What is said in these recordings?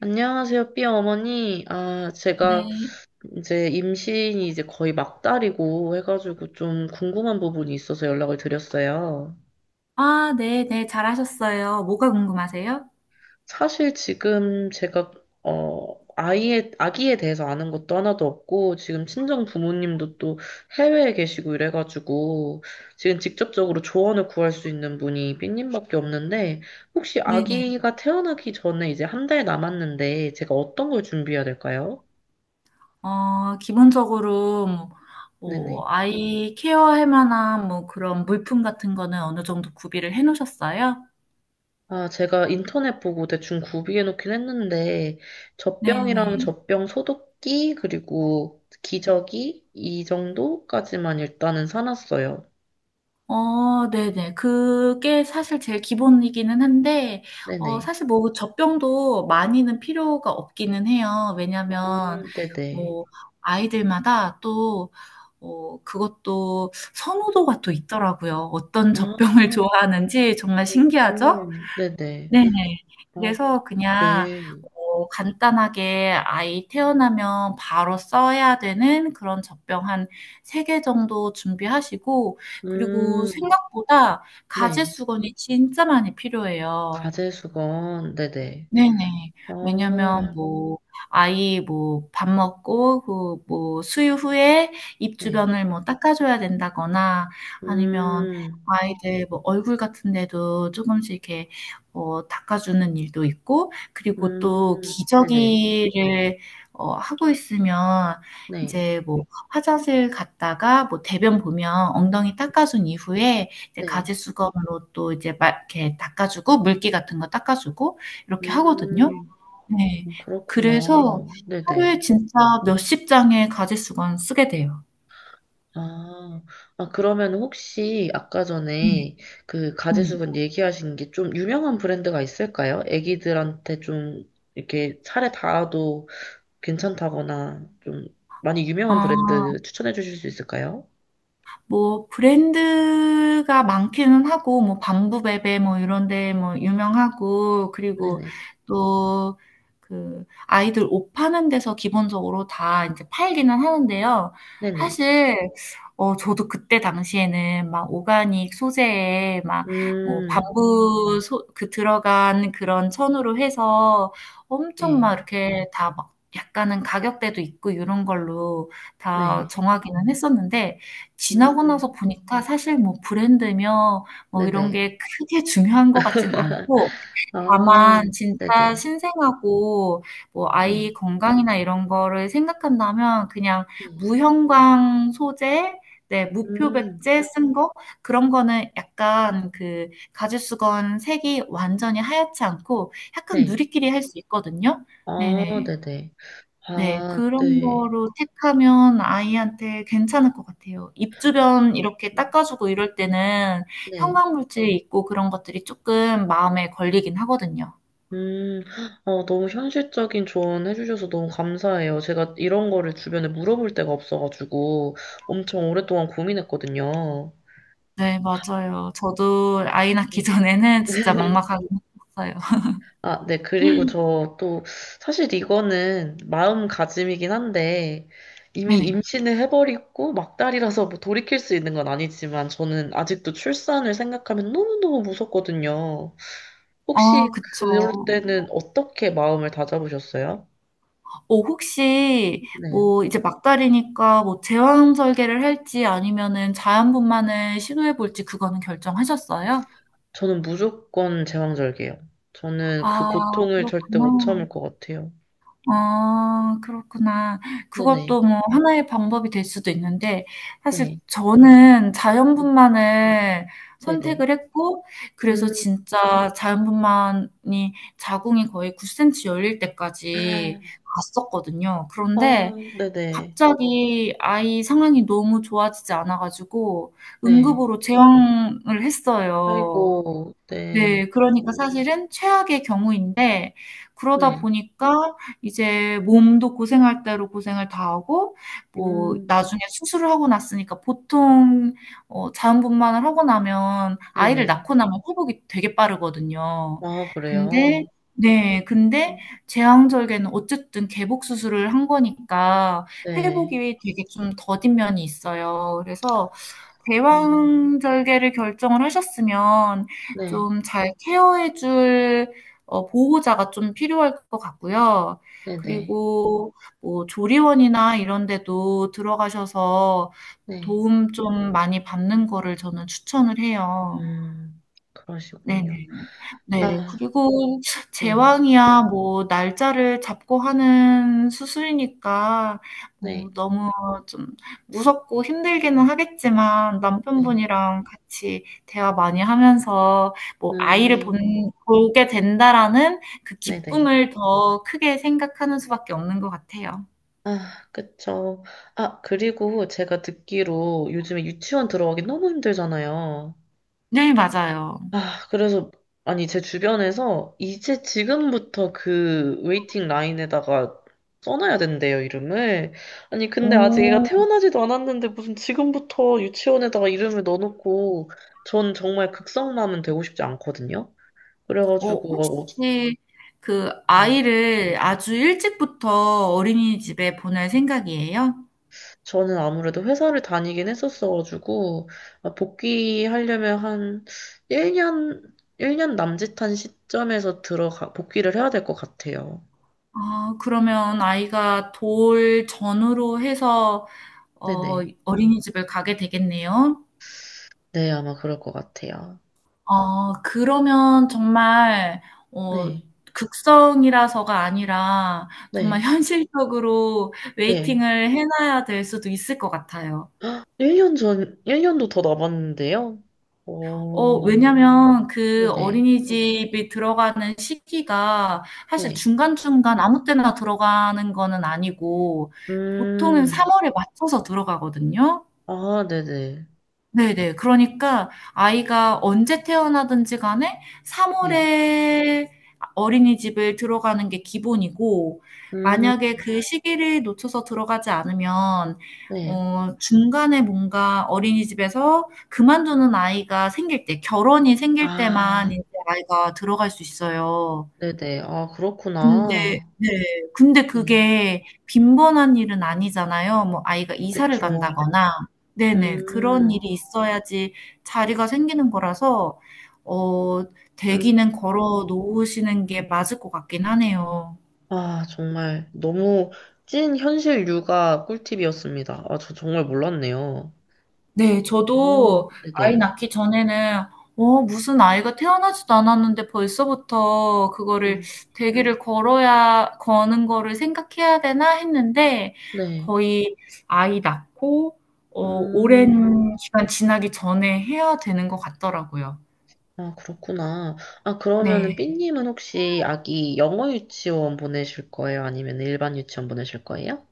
안녕하세요, 삐 어머니. 아, 제가 네. 이제 임신이 이제 거의 막달이고 해가지고 좀 궁금한 부분이 있어서 연락을 드렸어요. 아, 네, 네, 잘하셨어요. 뭐가 궁금하세요? 사실 지금 제가, 아기에 대해서 아는 것도 하나도 없고, 지금 친정 부모님도 또 해외에 계시고 이래가지고, 지금 직접적으로 조언을 구할 수 있는 분이 삐님밖에 없는데, 혹시 네네. 아기가 태어나기 전에 이제 한 달 남았는데, 제가 어떤 걸 준비해야 될까요? 기본적으로, 뭐, 네네. 아이 케어할 만한, 뭐, 그런 물품 같은 거는 어느 정도 구비를 해 놓으셨어요? 아, 제가 인터넷 보고 대충 구비해 놓긴 했는데, 젖병이랑 네네. 젖병 소독기, 그리고 기저귀, 이 정도까지만 일단은 사놨어요. 네네. 그게 사실 제일 기본이기는 한데, 네네. 사실 뭐 젖병도 많이는 필요가 없기는 해요. 아, 왜냐면, 네네. 뭐, 아이들마다 또, 그것도 선호도가 또 있더라고요. 어떤 젖병을 아, 좋아하는지 정말 신기하죠? 오, 네네. 네네. 아, 그래서 그냥 네. 간단하게 아이 태어나면 바로 써야 되는 그런 젖병 한 3개 정도 준비하시고, 그리고 음, 생각보다 가제 네. 수건이 진짜 많이 필요해요. 가제수건, 네네. 네네. 왜냐면 아, 뭐 아이 뭐 밥 먹고 그 뭐 수유 후에 입 네. 주변을 뭐 닦아줘야 된다거나, 아니면 음, 아이들 뭐 얼굴 같은 데도 조금씩 이렇게 닦아주는 일도 있고, 그리고 또 네네. 기저귀를 하고 있으면 네, 이제 뭐 화장실 갔다가 뭐 대변 보면 엉덩이 닦아준 이후에 이제 네. 가지 수건으로 또 이제 막 이렇게 닦아주고 물기 같은 거 닦아주고 이렇게 하거든요. 음. 네. 그래서 그렇구나. 하루에 네네. 진짜 몇십 장의 가짓수건 쓰게 돼요. 아, 아, 그러면 혹시 아까 네네. 전에 그 음. 가제수분 얘기하신 게 좀 유명한 브랜드가 있을까요? 애기들한테 좀 이렇게 살에 닿아도 괜찮다거나 좀 많이 유명한 아. 브랜드 추천해 주실 수 있을까요? 뭐 브랜드가 많기는 하고, 뭐 밤부베베 뭐 이런 데 뭐 유명하고, 그리고 네네. 또 그 아이들 옷 파는 데서 기본적으로 다 인제 팔기는 하는데요. 네네. 사실 저도 그때 당시에는 막 오가닉 소재에 막 뭐 음, 밤부 소 그 들어간 그런 천으로 해서, 엄청 네. 막 이렇게 다 막 약간은 가격대도 있고 요런 걸로 다 네. 정하기는 했었는데, 지나고 나서 음, 보니까 사실 뭐 브랜드며 뭐 이런 네네. 게 크게 중요한 것 같진 않고, 아, 다만 네 진짜 네. 신생하고 뭐 네. 아이 건강이나 이런 거를 생각한다면 그냥 무형광 소재, 네, 음, 무표백제 쓴 거, 그런 거는 약간 그 가죽수건 색이 완전히 하얗지 않고 약간 네. 누리끼리 할 수 있거든요. 아, 네네. 네네. 네, 아, 그런 네. 거로 택하면 아이한테 괜찮을 것 같아요. 입 주변 이렇게 닦아주고 이럴 때는 네. 형광물질 있고 그런 것들이 조금 마음에 걸리긴 하거든요. 음, 너무 현실적인 조언 해주셔서 너무 감사해요. 제가 이런 거를 주변에 물어볼 데가 없어가지고 엄청 오랫동안 고민했거든요. 네, 맞아요. 저도 아이 낳기 네. 전에는 진짜 막막하긴 했어요. 아, 네. 그리고 저 또 사실 이거는 마음가짐이긴 한데 이미 네네. 임신을 해버리고 막달이라서 뭐 돌이킬 수 있는 건 아니지만 저는 아직도 출산을 생각하면 너무너무 무섭거든요. 아, 혹시 그쵸. 그럴 때는 어떻게 마음을 다잡으셨어요? 혹시 네. 뭐 이제 막달이니까 뭐 제왕 절개를 할지 아니면은 자연분만을 시도해 볼지, 그거는 결정하셨어요? 저는 무조건 제왕절개요. 저는 그 아, 고통을 절대 못 그렇구나. 참을 것 같아요. 아, 그렇구나. 네네. 그것도 뭐 하나의 방법이 될 수도 있는데, 사실 네. 저는 네. 자연분만을 네네. 선택을 했고, 그래서 음. 진짜 자연분만이 자궁이 거의 9cm 열릴 때까지 갔었거든요. 아, 그런데 네네. 갑자기 아이 상황이 너무 좋아지지 않아가지고, 네. 응급으로 제왕을 했어요. 아이고, 네. 네. 그러니까 아이고, 사실은 최악의 경우인데, 그러다 네. 보니까 이제 몸도 고생할 대로 고생을 다 하고, 뭐 음. 나중에 수술을 하고 났으니까, 보통 자연분만을 하고 나면 아이를 네네. 낳고 나면 회복이 되게 빠르거든요. 아, 근데, 그래요? 네, 근데 음, 제왕절개는 어쨌든 개복 수술을 한 거니까 네. 회복이 되게 좀 더딘 면이 있어요. 그래서 음, 제왕절개를 결정을 하셨으면 네. 좀 잘 케어해 줄 보호자가 좀 필요할 것 같고요. 네네. 그리고 뭐 조리원이나 이런 데도 들어가셔서 네. 도움 좀 많이 받는 거를 저는 추천을 해요. 음, 그러시군요. 네네. 네. 아, 그리고 네. 제왕이야 뭐 날짜를 잡고 하는 수술이니까 네. 뭐 너무 좀 무섭고 힘들기는 하겠지만, 네. 남편분이랑 같이 대화 많이 하면서 뭐 '아이를 본 음, 보게 된다.'라는 그 네네. 기쁨을 더 크게 생각하는 수밖에 없는 것 같아요. 아, 그쵸. 아, 그리고 제가 듣기로 요즘에 유치원 들어가기 너무 힘들잖아요. 네, 맞아요. 아, 그래서, 아니, 제 주변에서 이제 지금부터 그 웨이팅 라인에다가 써놔야 된대요, 이름을. 아니, 근데 아직 애가 오. 태어나지도 않았는데 무슨 지금부터 유치원에다가 이름을 넣어놓고 전 정말 극성맘은 되고 싶지 않거든요. 그래가지고, 혹시 그 음. 아이를 아주 일찍부터 어린이집에 보낼 생각이에요? 저는 아무래도 회사를 다니긴 했었어가지고, 아, 복귀하려면 한 일 년 남짓한 시점에서 복귀를 해야 될 것 같아요. 아, 그러면 아이가 돌 전후로 해서 어, 네네. 어린이집을 가게 되겠네요. 네, 아마 그럴 것 같아요. 그러면 정말 어, 네, 극성이라서가 아니라 네, 정말 현실적으로 네. 웨이팅을 해놔야 될 수도 있을 것 같아요. 1년 전, 1년도 더 남았는데요? 오, 왜냐면 그 네네, 어린이집이 들어가는 시기가 사실 네. 중간중간 아무 때나 들어가는 거는 아니고 보통은 음, 3월에 맞춰서 들어가거든요. 아, 네네, 네네. 그러니까 아이가 언제 태어나든지 간에 네. 3월에 어린이집을 들어가는 게 기본이고, 음, 만약에 그 시기를 놓쳐서 들어가지 않으면, 네. 중간에 뭔가 어린이집에서 그만두는 아이가 생길 때, 결혼이 생길 때만 아, 이제 아이가 들어갈 수 있어요. 네네. 아, 근데, 그렇구나. 네, 근데 네. 그게 빈번한 일은 아니잖아요. 뭐 아이가 이사를 그쵸. 간다거나, 네네, 그런 음, 일이 있어야지 자리가 생기는 거라서 어 대기는 음. 걸어 놓으시는 게 맞을 것 같긴 하네요. 아, 정말 너무 찐 현실 육아 꿀팁이었습니다. 아, 저 정말 몰랐네요. 네. 오, 저도 아이 네네. 낳기 전에는 무슨 아이가 태어나지도 않았는데 벌써부터 그거를 음, 대기를 걸어야 거는 거를 생각해야 되나?' 했는데, 네. 거의 아이 낳고 음, 오랜 기간 지나기 전에 해야 되는 것 같더라고요. 아, 그렇구나. 아, 그러면은 네. 삐님은 혹시 아기 영어 유치원 보내실 거예요? 아니면 일반 유치원 보내실 거예요?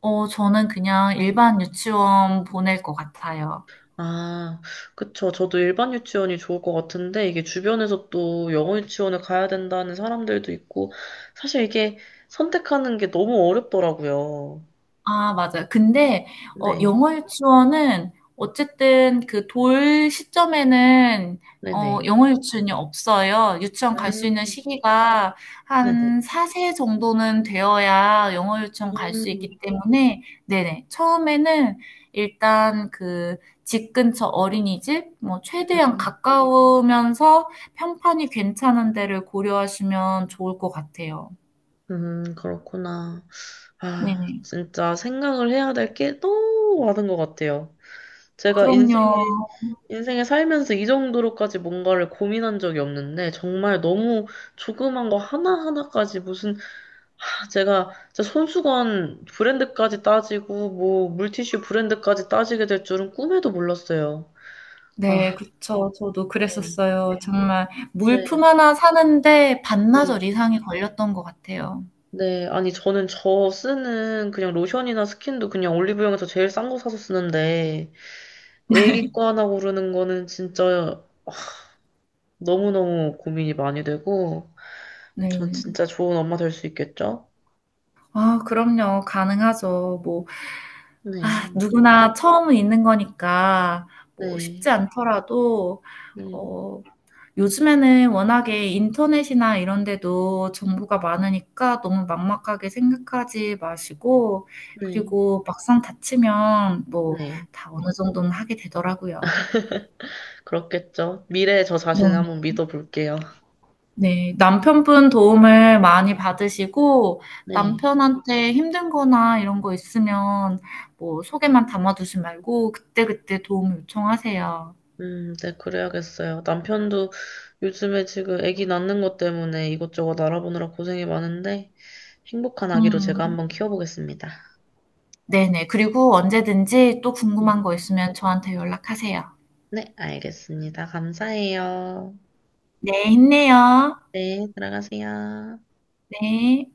저는 그냥 일반 유치원 보낼 것 같아요. 아, 그쵸. 저도 일반 유치원이 좋을 것 같은데, 이게 주변에서 또 영어 유치원을 가야 된다는 사람들도 있고, 사실 이게 선택하는 게 너무 어렵더라고요. 아, 맞아요. 근데 네, 영어 유치원은 어쨌든 그 돌 시점에는 네네, 영어 유치원이 없어요. 유치원 갈 수 있는 음, 시기가 네네. 한 4세 정도는 되어야 영어 유치원 갈 수 있기 음, 때문에, 네네, 처음에는 일단 그 집 근처 어린이집 뭐 최대한 음. 가까우면서 평판이 괜찮은 데를 고려하시면 좋을 것 같아요. 그렇구나. 아, 네네. 진짜 생각을 해야 될 게 너무 많은 것 같아요. 제가 그럼요. 인생에 살면서 이 정도로까지 뭔가를 고민한 적이 없는데, 정말 너무 조그만 거 하나하나까지 무슨, 아, 제가 진짜 손수건 브랜드까지 따지고, 뭐, 물티슈 브랜드까지 따지게 될 줄은 꿈에도 몰랐어요. 네, 아, 그쵸. 저도 네, 그랬었어요. 정말 물품 네, 하나 사는데 네. 반나절 이상이 걸렸던 것 같아요. 네, 아니, 저는 저 쓰는 그냥 로션이나 스킨도 그냥 올리브영에서 제일 싼 거 사서 쓰는데, 애기 거 하나 고르는 거는 진짜 너무너무 고민이 많이 되고, 전 네. 진짜 좋은 엄마 될 수 있겠죠? 아, 그럼요. 가능하죠. 뭐, 아, 네, 누구나 처음은 있는 거니까 뭐 네, 쉽지 않더라도 네, 어 요즘에는 워낙에 인터넷이나 이런 데도 정보가 많으니까 너무 막막하게 생각하지 마시고, 네, 그리고 막상 다치면 뭐 네. 다 어느 정도는 하게 되더라고요. 그렇겠죠. 미래의 저 네. 자신을 한번 믿어볼게요. 네, 남편분 도움을 많이 받으시고, 네. 남편한테 힘든 거나 이런 거 있으면 뭐 속에만 담아두지 말고 그때그때 도움을 요청하세요. 네, 그래야겠어요. 남편도 요즘에 지금 아기 낳는 것 때문에 이것저것 알아보느라 고생이 많은데 행복한 아기로 제가 음. 한번 키워보겠습니다. 네네. 그리고 언제든지 또 궁금한 음. 거 있으면 저한테 연락하세요. 네, 알겠습니다. 감사해요. 네, 힘내요. 네, 들어가세요. 네.